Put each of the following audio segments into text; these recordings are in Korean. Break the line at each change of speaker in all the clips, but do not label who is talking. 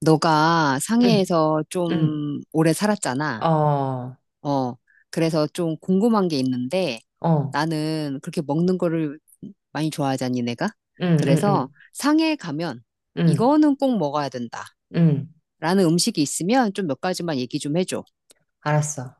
너가
응,
상해에서
응,
좀 오래 살았잖아.
어, 어,
어, 그래서 좀 궁금한 게 있는데
응,
나는 그렇게 먹는 거를 많이 좋아하잖니, 내가.
응,
그래서
응,
상해에 가면
응,
이거는 꼭 먹어야 된다.
응,
라는 음식이 있으면 좀 몇 가지만 얘기 좀 해줘.
알았어.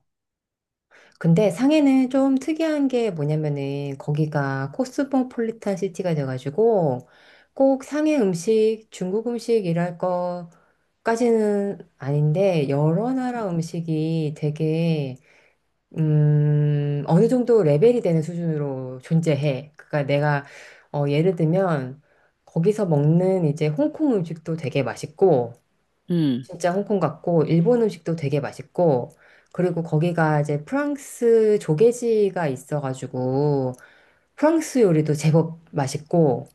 근데 상해는 좀 특이한 게 뭐냐면은 거기가 코스모폴리탄 시티가 돼가지고 꼭 상해 음식, 중국 음식 이랄 거까지는 아닌데 여러 나라 음식이 되게 어느 정도 레벨이 되는 수준으로 존재해. 그러니까 내가 예를 들면 거기서 먹는 이제 홍콩 음식도 되게 맛있고
음,
진짜 홍콩 같고 일본 음식도 되게 맛있고 그리고 거기가 이제 프랑스 조개지가 있어가지고 프랑스 요리도 제법 맛있고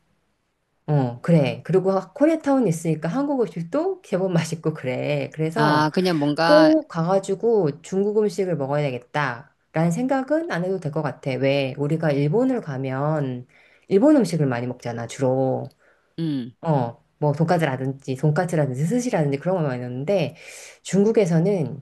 어 그래 그리고 코리아타운 있으니까 한국 음식도 제법 맛있고 그래 그래서
아, 그냥 뭔가,
꼭 가가지고 중국 음식을 먹어야 겠다 라는 생각은 안 해도 될 것 같아. 왜 우리가 일본을 가면 일본 음식을 많이 먹잖아 주로.
음,
어, 뭐 돈까스라든지 스시라든지 그런 걸 많이 넣는데 중국에서는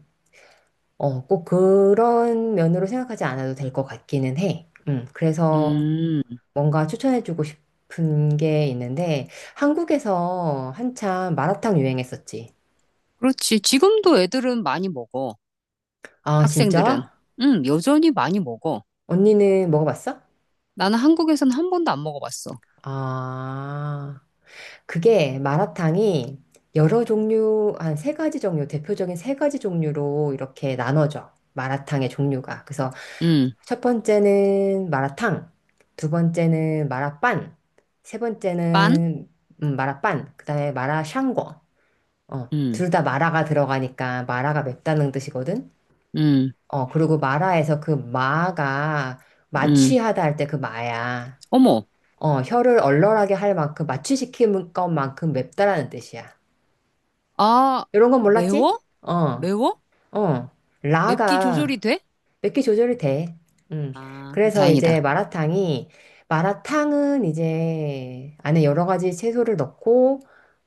꼭 그런 면으로 생각하지 않아도 될 것 같기는 해. 그래서
음.
뭔가 추천해주고 싶은 게 있는데 한국에서 한참 마라탕 유행했었지.
그렇지. 지금도 애들은 많이 먹어.
아,
학생들은.
진짜?
여전히 많이 먹어.
언니는 먹어봤어?
나는 한국에서는 한 번도 안 먹어봤어.
아, 그게 마라탕이 여러 종류, 한 세 가지 종류, 대표적인 세 가지 종류로 이렇게 나눠져. 마라탕의 종류가. 그래서
음,
첫 번째는 마라탕, 두 번째는 마라빵, 세
빤?
번째는 마라빵, 그다음에 마라샹궈. 어,
음.
둘 다 마라가 들어가니까 마라가 맵다는 뜻이거든.
음.
어, 그리고 마라에서 그 마가
음.
마취하다 할 때 그 마야.
어머,
어, 혀를 얼얼하게 할 만큼 마취시키는 것만큼 맵다라는 뜻이야.
아,
이런 건 몰랐지?
매워?
어,
매워?
어.
맵기 조절이
라가
돼?
몇 개 조절이 돼. 음.
아, 그럼
그래서 이제
다행이다.
마라탕은 이제 안에 여러 가지 채소를 넣고,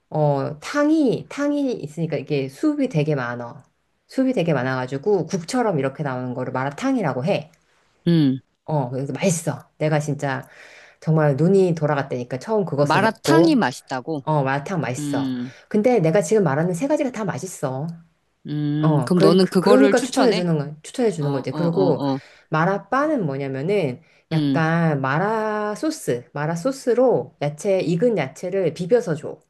어, 탕이 있으니까 이게 수분이 되게 많아. 수분이 되게 많아가지고 국처럼 이렇게 나오는 거를 마라탕이라고 해.
음.
어, 그래서 맛있어. 내가 진짜 정말 눈이 돌아갔다니까 처음 그것을
마라탕이
먹고,
맛있다고?
어, 마라탕 맛있어.
음,
근데 내가 지금 말하는 세 가지가 다 맛있어. 어,
그럼 너는 그거를
그러니까
추천해?
추천해
어,
주는 거지.
어,
그리고
어, 어.
마라빠는 뭐냐면은
음.
약간 마라 소스로 야채, 익은 야채를 비벼서 줘.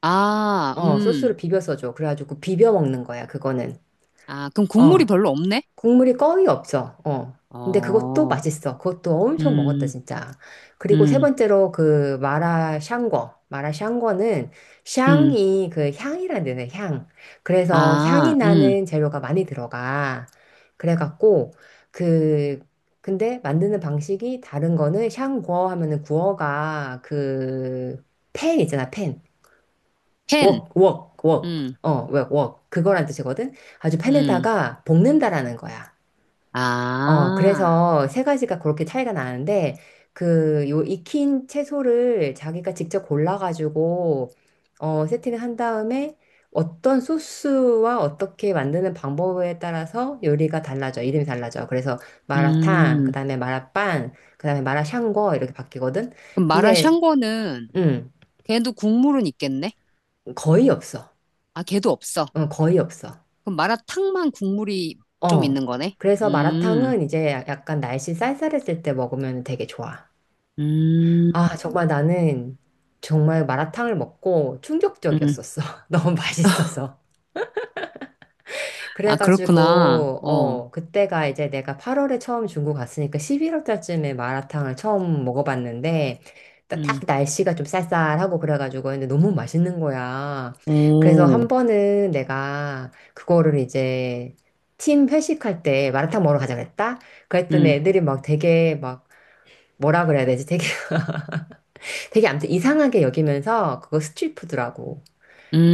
아,
어, 소스로 비벼서 줘. 그래가지고 비벼 먹는 거야, 그거는.
아, 그럼 국물이
어,
별로 없네?
국물이 거의 없어. 어. 근데 그것도
어,
맛있어. 그것도 엄청 먹었다,
음,
진짜. 그리고 세
음,
번째로 그 마라 샹궈. 마라 샹궈는
음.
샹이 그 향이란 데는 향. 그래서 향이
아,
나는 재료가 많이 들어가. 그래갖고 그 근데 만드는 방식이 다른 거는 샹궈 하면은 구어가 그 팬 있잖아, 팬. 웍,
팬.
웍, 웍.
음,
어, 웍. 그거란 뜻이거든. 아주
음.
팬에다가 볶는다라는 거야. 어,
아,
그래서 세 가지가 그렇게 차이가 나는데, 그, 요 익힌 채소를 자기가 직접 골라가지고, 어, 세팅을 한 다음에 어떤 소스와 어떻게 만드는 방법에 따라서 요리가 달라져. 이름이 달라져. 그래서 마라탕, 그
음.
다음에 마라빵, 그 다음에 마라샹궈 이렇게 바뀌거든.
그럼
근데,
마라샹궈는
음,
걔도 국물은 있겠네?
거의 없어.
아, 걔도 없어.
어, 거의 없어.
그럼 마라탕만 국물이 좀
어.
있는 거네?
그래서
음,
마라탕은 이제 약간 날씨 쌀쌀했을 때 먹으면 되게 좋아.
음,
아, 정말 마라탕을 먹고
음.
충격적이었었어. 너무 맛있어서.
아, 그렇구나.
그래가지고,
어,
어, 그때가 이제 내가 8월에 처음 중국 갔으니까 11월 달쯤에 마라탕을 처음 먹어봤는데, 딱
음,
날씨가 좀 쌀쌀하고 그래가지고 근데 너무 맛있는 거야. 그래서 한
오,
번은 내가 그거를 이제 팀 회식할 때 마라탕 먹으러 가자 그랬다? 그랬더니
음,
애들이 막 되게 막 뭐라 그래야 되지? 되게 아무튼 이상하게 여기면서 그거 스트릿푸드라고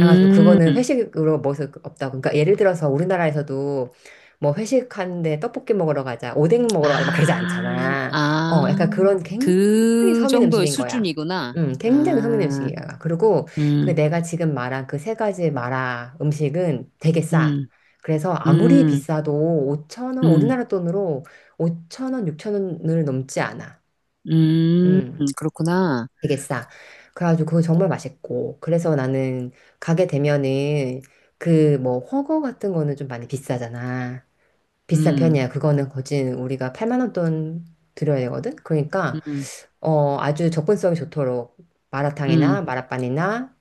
해가지고 그거는 회식으로 먹을 수 없다고. 그러니까 예를 들어서 우리나라에서도 뭐 회식하는데 떡볶이 먹으러 가자 오뎅 먹으러 가자 막 그러지
아,
않잖아.
아,
어 약간 그런 굉장히
그
서민
정도의
음식인 거야.
수준이구나.
굉장히 서민
아,
음식이야. 그리고 그
음,
내가 지금 말한 그 세 가지 마라 음식은 되게 싸.
음,
그래서 아무리
음,
비싸도 5천 원
음,
우리나라 돈으로 5천 원 6천 원을 넘지 않아.
음,
음.
그렇구나.
되게 싸. 그래가지고 그거 정말 맛있고. 그래서 나는 가게 되면은 그 뭐훠거 같은 거는 좀 많이 비싸잖아. 비싼
음,
편이야. 그거는 거진 우리가 8만 원 돈 들여야 되거든. 그러니까
음,
어 아주 접근성이 좋도록 마라탕이나
음,
마라빵이나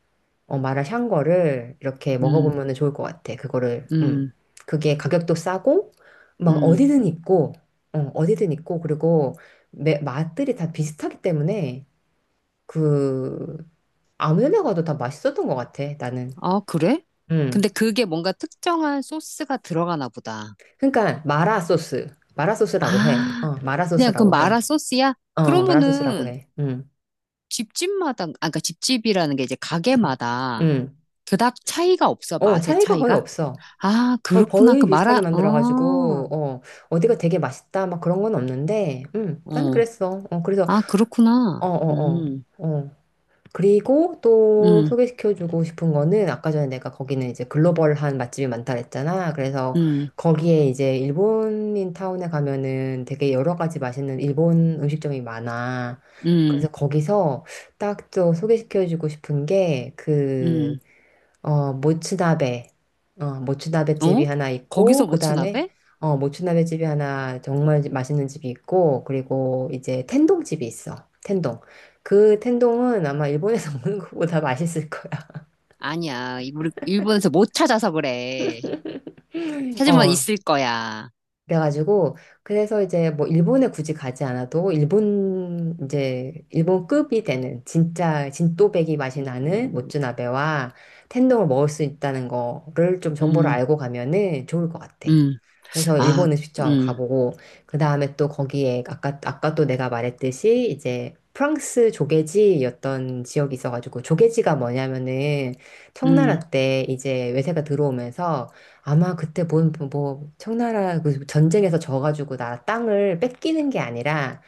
어 마라샹궈를 이렇게
음,
먹어보면은 좋을 것 같아. 그거를
음,
그게 가격도 싸고 막
음.
어디든 있고 어 어디든 있고 그리고 맛들이 다 비슷하기 때문에. 그 아무 데 먹어도 다 맛있었던 것 같아, 나는.
아, 그래?
음.
근데 그게 뭔가 특정한 소스가 들어가나 보다.
그러니까 마라 소스. 마라 소스라고 해.
아,
어, 마라
그냥 그
소스라고 해.
마라 소스야?
어, 어, 마라 소스라고
그러면은
해. 음.
집집마다, 아까 그러니까 집집이라는 게 이제
음.
가게마다
음.
그닥 차이가 없어,
어,
맛의
차이가 거의
차이가?
없어.
아,
거의
그렇구나. 그
거의 비슷하게
마라, 어,
만들어가지고, 어, 어디가 되게 맛있다, 막 그런 건 없는데, 나는
어,
그랬어. 어, 그래서,
아,
어,
그렇구나.
어, 어, 어. 그리고 또
음,
소개시켜주고 싶은 거는 아까 전에 내가 거기는 이제 글로벌한 맛집이 많다 그랬잖아. 그래서
음,
거기에 이제 일본인 타운에 가면은 되게 여러 가지 맛있는 일본 음식점이 많아.
음,
그래서 거기서 딱 또 소개시켜주고 싶은 게그
음,
어, 모츠나베. 어, 모츠나베 집이
어?
하나 있고,
거기서
그 다음에,
모츠나베?
어, 모츠나베 집이 하나 정말 맛있는 집이 있고, 그리고 이제 텐동 집이 있어. 텐동. 그 텐동은 아마 일본에서 먹는 것보다 맛있을 거야.
아니야. 이- 우리 일본에서 못 찾아서 그래. 찾으면
어,
있을 거야.
그래가지고 그래서 이제 뭐 일본에 굳이 가지 않아도 일본 이제 일본급이 되는 진짜 진또배기 맛이 나는
음,
모츠나베와 텐동을 먹을 수 있다는 거를 좀 정보를
음,
알고 가면은 좋을 것 같아.
음.
그래서
아,
일본 음식점
음,
가보고 그 다음에 또 거기에 아까 아까 또 내가 말했듯이 이제 프랑스 조개지였던 지역이 있어가지고 조개지가 뭐냐면은 청나라
음,
때 이제 외세가 들어오면서 아마 그때 뭐 청나라 그 전쟁에서 져가지고 나 땅을 뺏기는 게 아니라,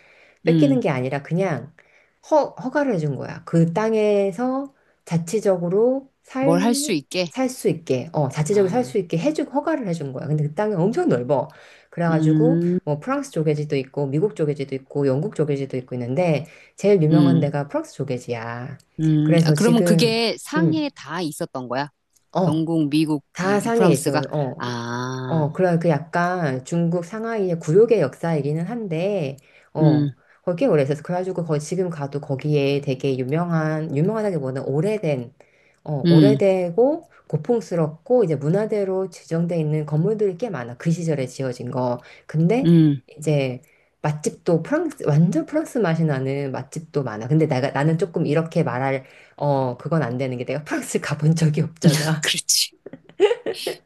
음.
그냥 허가를 해준 거야. 그 땅에서 자치적으로
뭘 할 수
살,
있게.
살 수 있게, 어, 자치적으로 살
아,
수 있게 해주고 허가를 해준 거야. 근데 그 땅이 엄청 넓어. 그래가지고
음,
뭐 프랑스 조개지도 있고, 미국 조개지도 있고, 영국 조개지도 있고 있는데, 제일 유명한
음,
데가 프랑스 조개지야.
아,
그래서
그러면
지금,
그게
음,
상해에 다 있었던 거야?
어,
영국, 미국,
다
이, 이
상해
프랑스가?
있어. 어,
아,
어, 그런 그 약간 중국 상하이의 구욕의 역사이기는 한데, 어,
음,
거기 꽤 오래 있었어. 그래가지고 거기 지금 가도 거기에 되게 유명하다기보다는 오래된, 어,
음,
오래되고 고풍스럽고 이제 문화대로 지정돼 있는 건물들이 꽤 많아. 그 시절에 지어진 거. 근데
음.
이제 완전 프랑스 맛이 나는 맛집도 많아. 근데 나는 조금 이렇게 그건 안 되는 게 내가 프랑스 가본 적이 없잖아.
그렇지.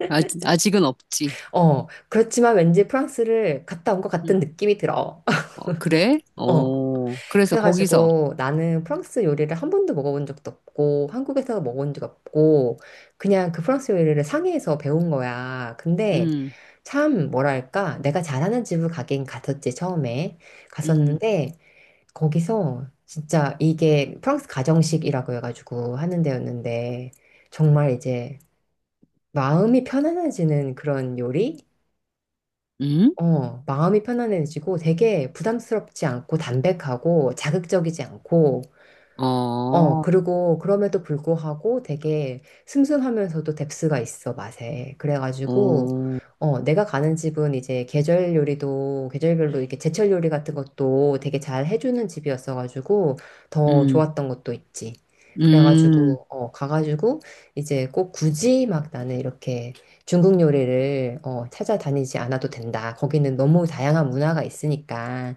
아직, 아직은 없지.
어, 그렇지만 왠지 프랑스를 갔다 온 것
음.
같은 느낌이 들어.
어, 그래?
어.
어, 그래서 거기서,
그래가지고 나는 프랑스 요리를 한 번도 먹어본 적도 없고, 한국에서 먹어본 적 없고, 그냥 그 프랑스 요리를 상해에서 배운 거야. 근데
음,
참, 뭐랄까, 내가 잘하는 집을 가긴 갔었지, 처음에.
음,
갔었는데, 거기서 진짜 이게 프랑스 가정식이라고 해가지고 하는 데였는데, 정말 이제 마음이 편안해지는 그런 요리?
음?
어, 마음이 편안해지고 되게 부담스럽지 않고 담백하고 자극적이지 않고
어,
어, 그리고 그럼에도 불구하고 되게 슴슴하면서도 뎁스가 있어, 맛에. 그래가지고,
어,
어, 내가 가는 집은 이제 계절별로 이렇게 제철 요리 같은 것도 되게 잘 해주는 집이었어가지고 더
음,
좋았던 것도 있지.
음,
그래가지고, 어, 가가지고 이제 꼭 굳이 막 나는 이렇게 중국 요리를, 어, 찾아다니지 않아도 된다. 거기는 너무 다양한 문화가 있으니까.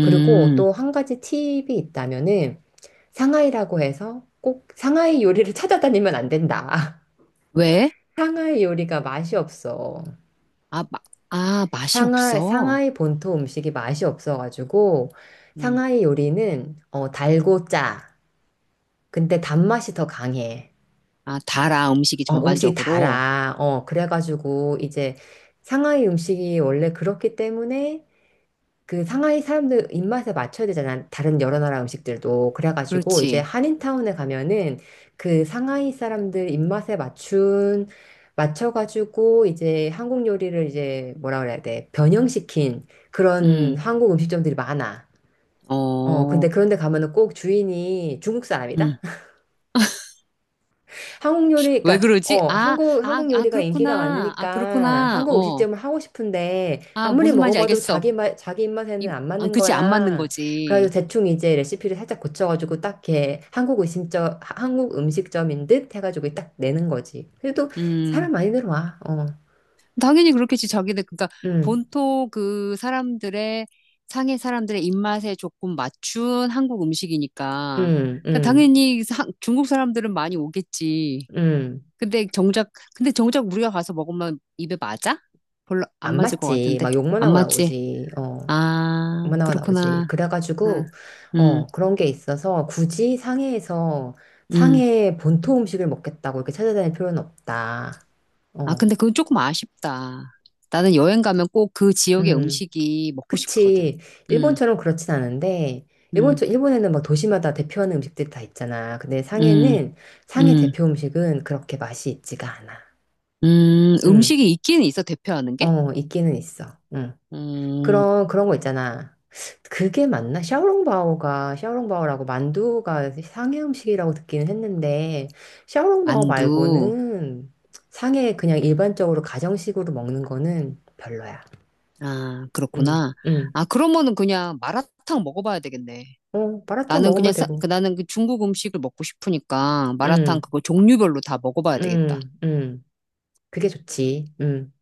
그리고 또 한 가지 팁이 있다면은 상하이라고 해서 꼭 상하이 요리를 찾아다니면 안 된다.
왜?
상하이 요리가 맛이 없어.
아, 마, 아, 맛이 없어.
상하이 본토 음식이 맛이 없어가지고
음.
상하이 요리는 어, 달고 짜. 근데 단맛이 더 강해.
아, 달아, 음식이
어, 음식이
전반적으로.
달아. 어, 그래가지고 이제 상하이 음식이 원래 그렇기 때문에 그 상하이 사람들 입맛에 맞춰야 되잖아. 다른 여러 나라 음식들도. 그래가지고 이제
그렇지.
한인타운에 가면은 그 상하이 사람들 입맛에 맞춘, 맞춰가지고 이제 한국 요리를 이제 뭐라 그래야 돼. 변형시킨 그런
음,
한국 음식점들이 많아. 어, 근데
어,
그런데 가면은 꼭 주인이 중국
음.
사람이다? 한국 요리,
왜
그러니까
그러지?
어
아, 아,
한국
아,
요리가 인기가
그렇구나. 아,
많으니까
그렇구나.
한국
어,
음식점을 하고 싶은데
아,
아무리
무슨 말인지
먹어봐도
알겠어.
자기 맛 자기 입맛에는
이,
안
아,
맞는
그치, 안 맞는
거야. 그래서
거지.
대충 이제 레시피를 살짝 고쳐가지고 딱 이렇게 한국 음식점인 듯 해가지고 딱 내는 거지. 그래도
음,
사람 많이 들어와. 어,
당연히 그렇겠지. 자기들, 그러니까
음,
본토 그 사람들의, 상해 사람들의 입맛에 조금 맞춘 한국 음식이니까.
음,
그러니까
음,
당연히 사- 중국 사람들은 많이 오겠지.
음.
근데 정작, 근데 정작 우리가 가서 먹으면 입에 맞아? 별로 안
안
맞을 것
맞지.
같은데.
막 욕만
안
하고
맞지?
나오지. 어,
아,
만화가 나오지.
그렇구나.
그래가지고,
응, 응,
어, 그런 게 있어서 굳이 상해에서
응.
상해 본토 음식을 먹겠다고 이렇게 찾아다닐 필요는 없다.
아,
어,
근데 그건 조금 아쉽다. 나는 여행 가면 꼭 그 지역의
음,
음식이 먹고 싶거든.
그치.
응,
일본처럼 그렇진 않은데,
응,
일본에는 막 도시마다 대표하는 음식들이 다 있잖아. 근데
응,
상해
응,
대표 음식은 그렇게 맛이 있지가 않아.
응.
음,
음식이 있긴 있어, 대표하는 게?
어, 있기는 있어. 음.
음,
그런 거 있잖아. 그게 맞나? 샤오롱바오라고 만두가 상해 음식이라고 듣기는 했는데, 샤오롱바오
만두.
말고는 상해 그냥 일반적으로 가정식으로 먹는 거는 별로야.
아,
응,
그렇구나.
응.
아, 그러면은 그냥 마라탕 먹어봐야 되겠네.
어, 마라탕
나는
먹으면
그냥, 사-
되고.
그 나는 그 중국 음식을 먹고 싶으니까 마라탕
응,
그거 종류별로 다 먹어봐야 되겠다.
응, 응. 그게 좋지. 응.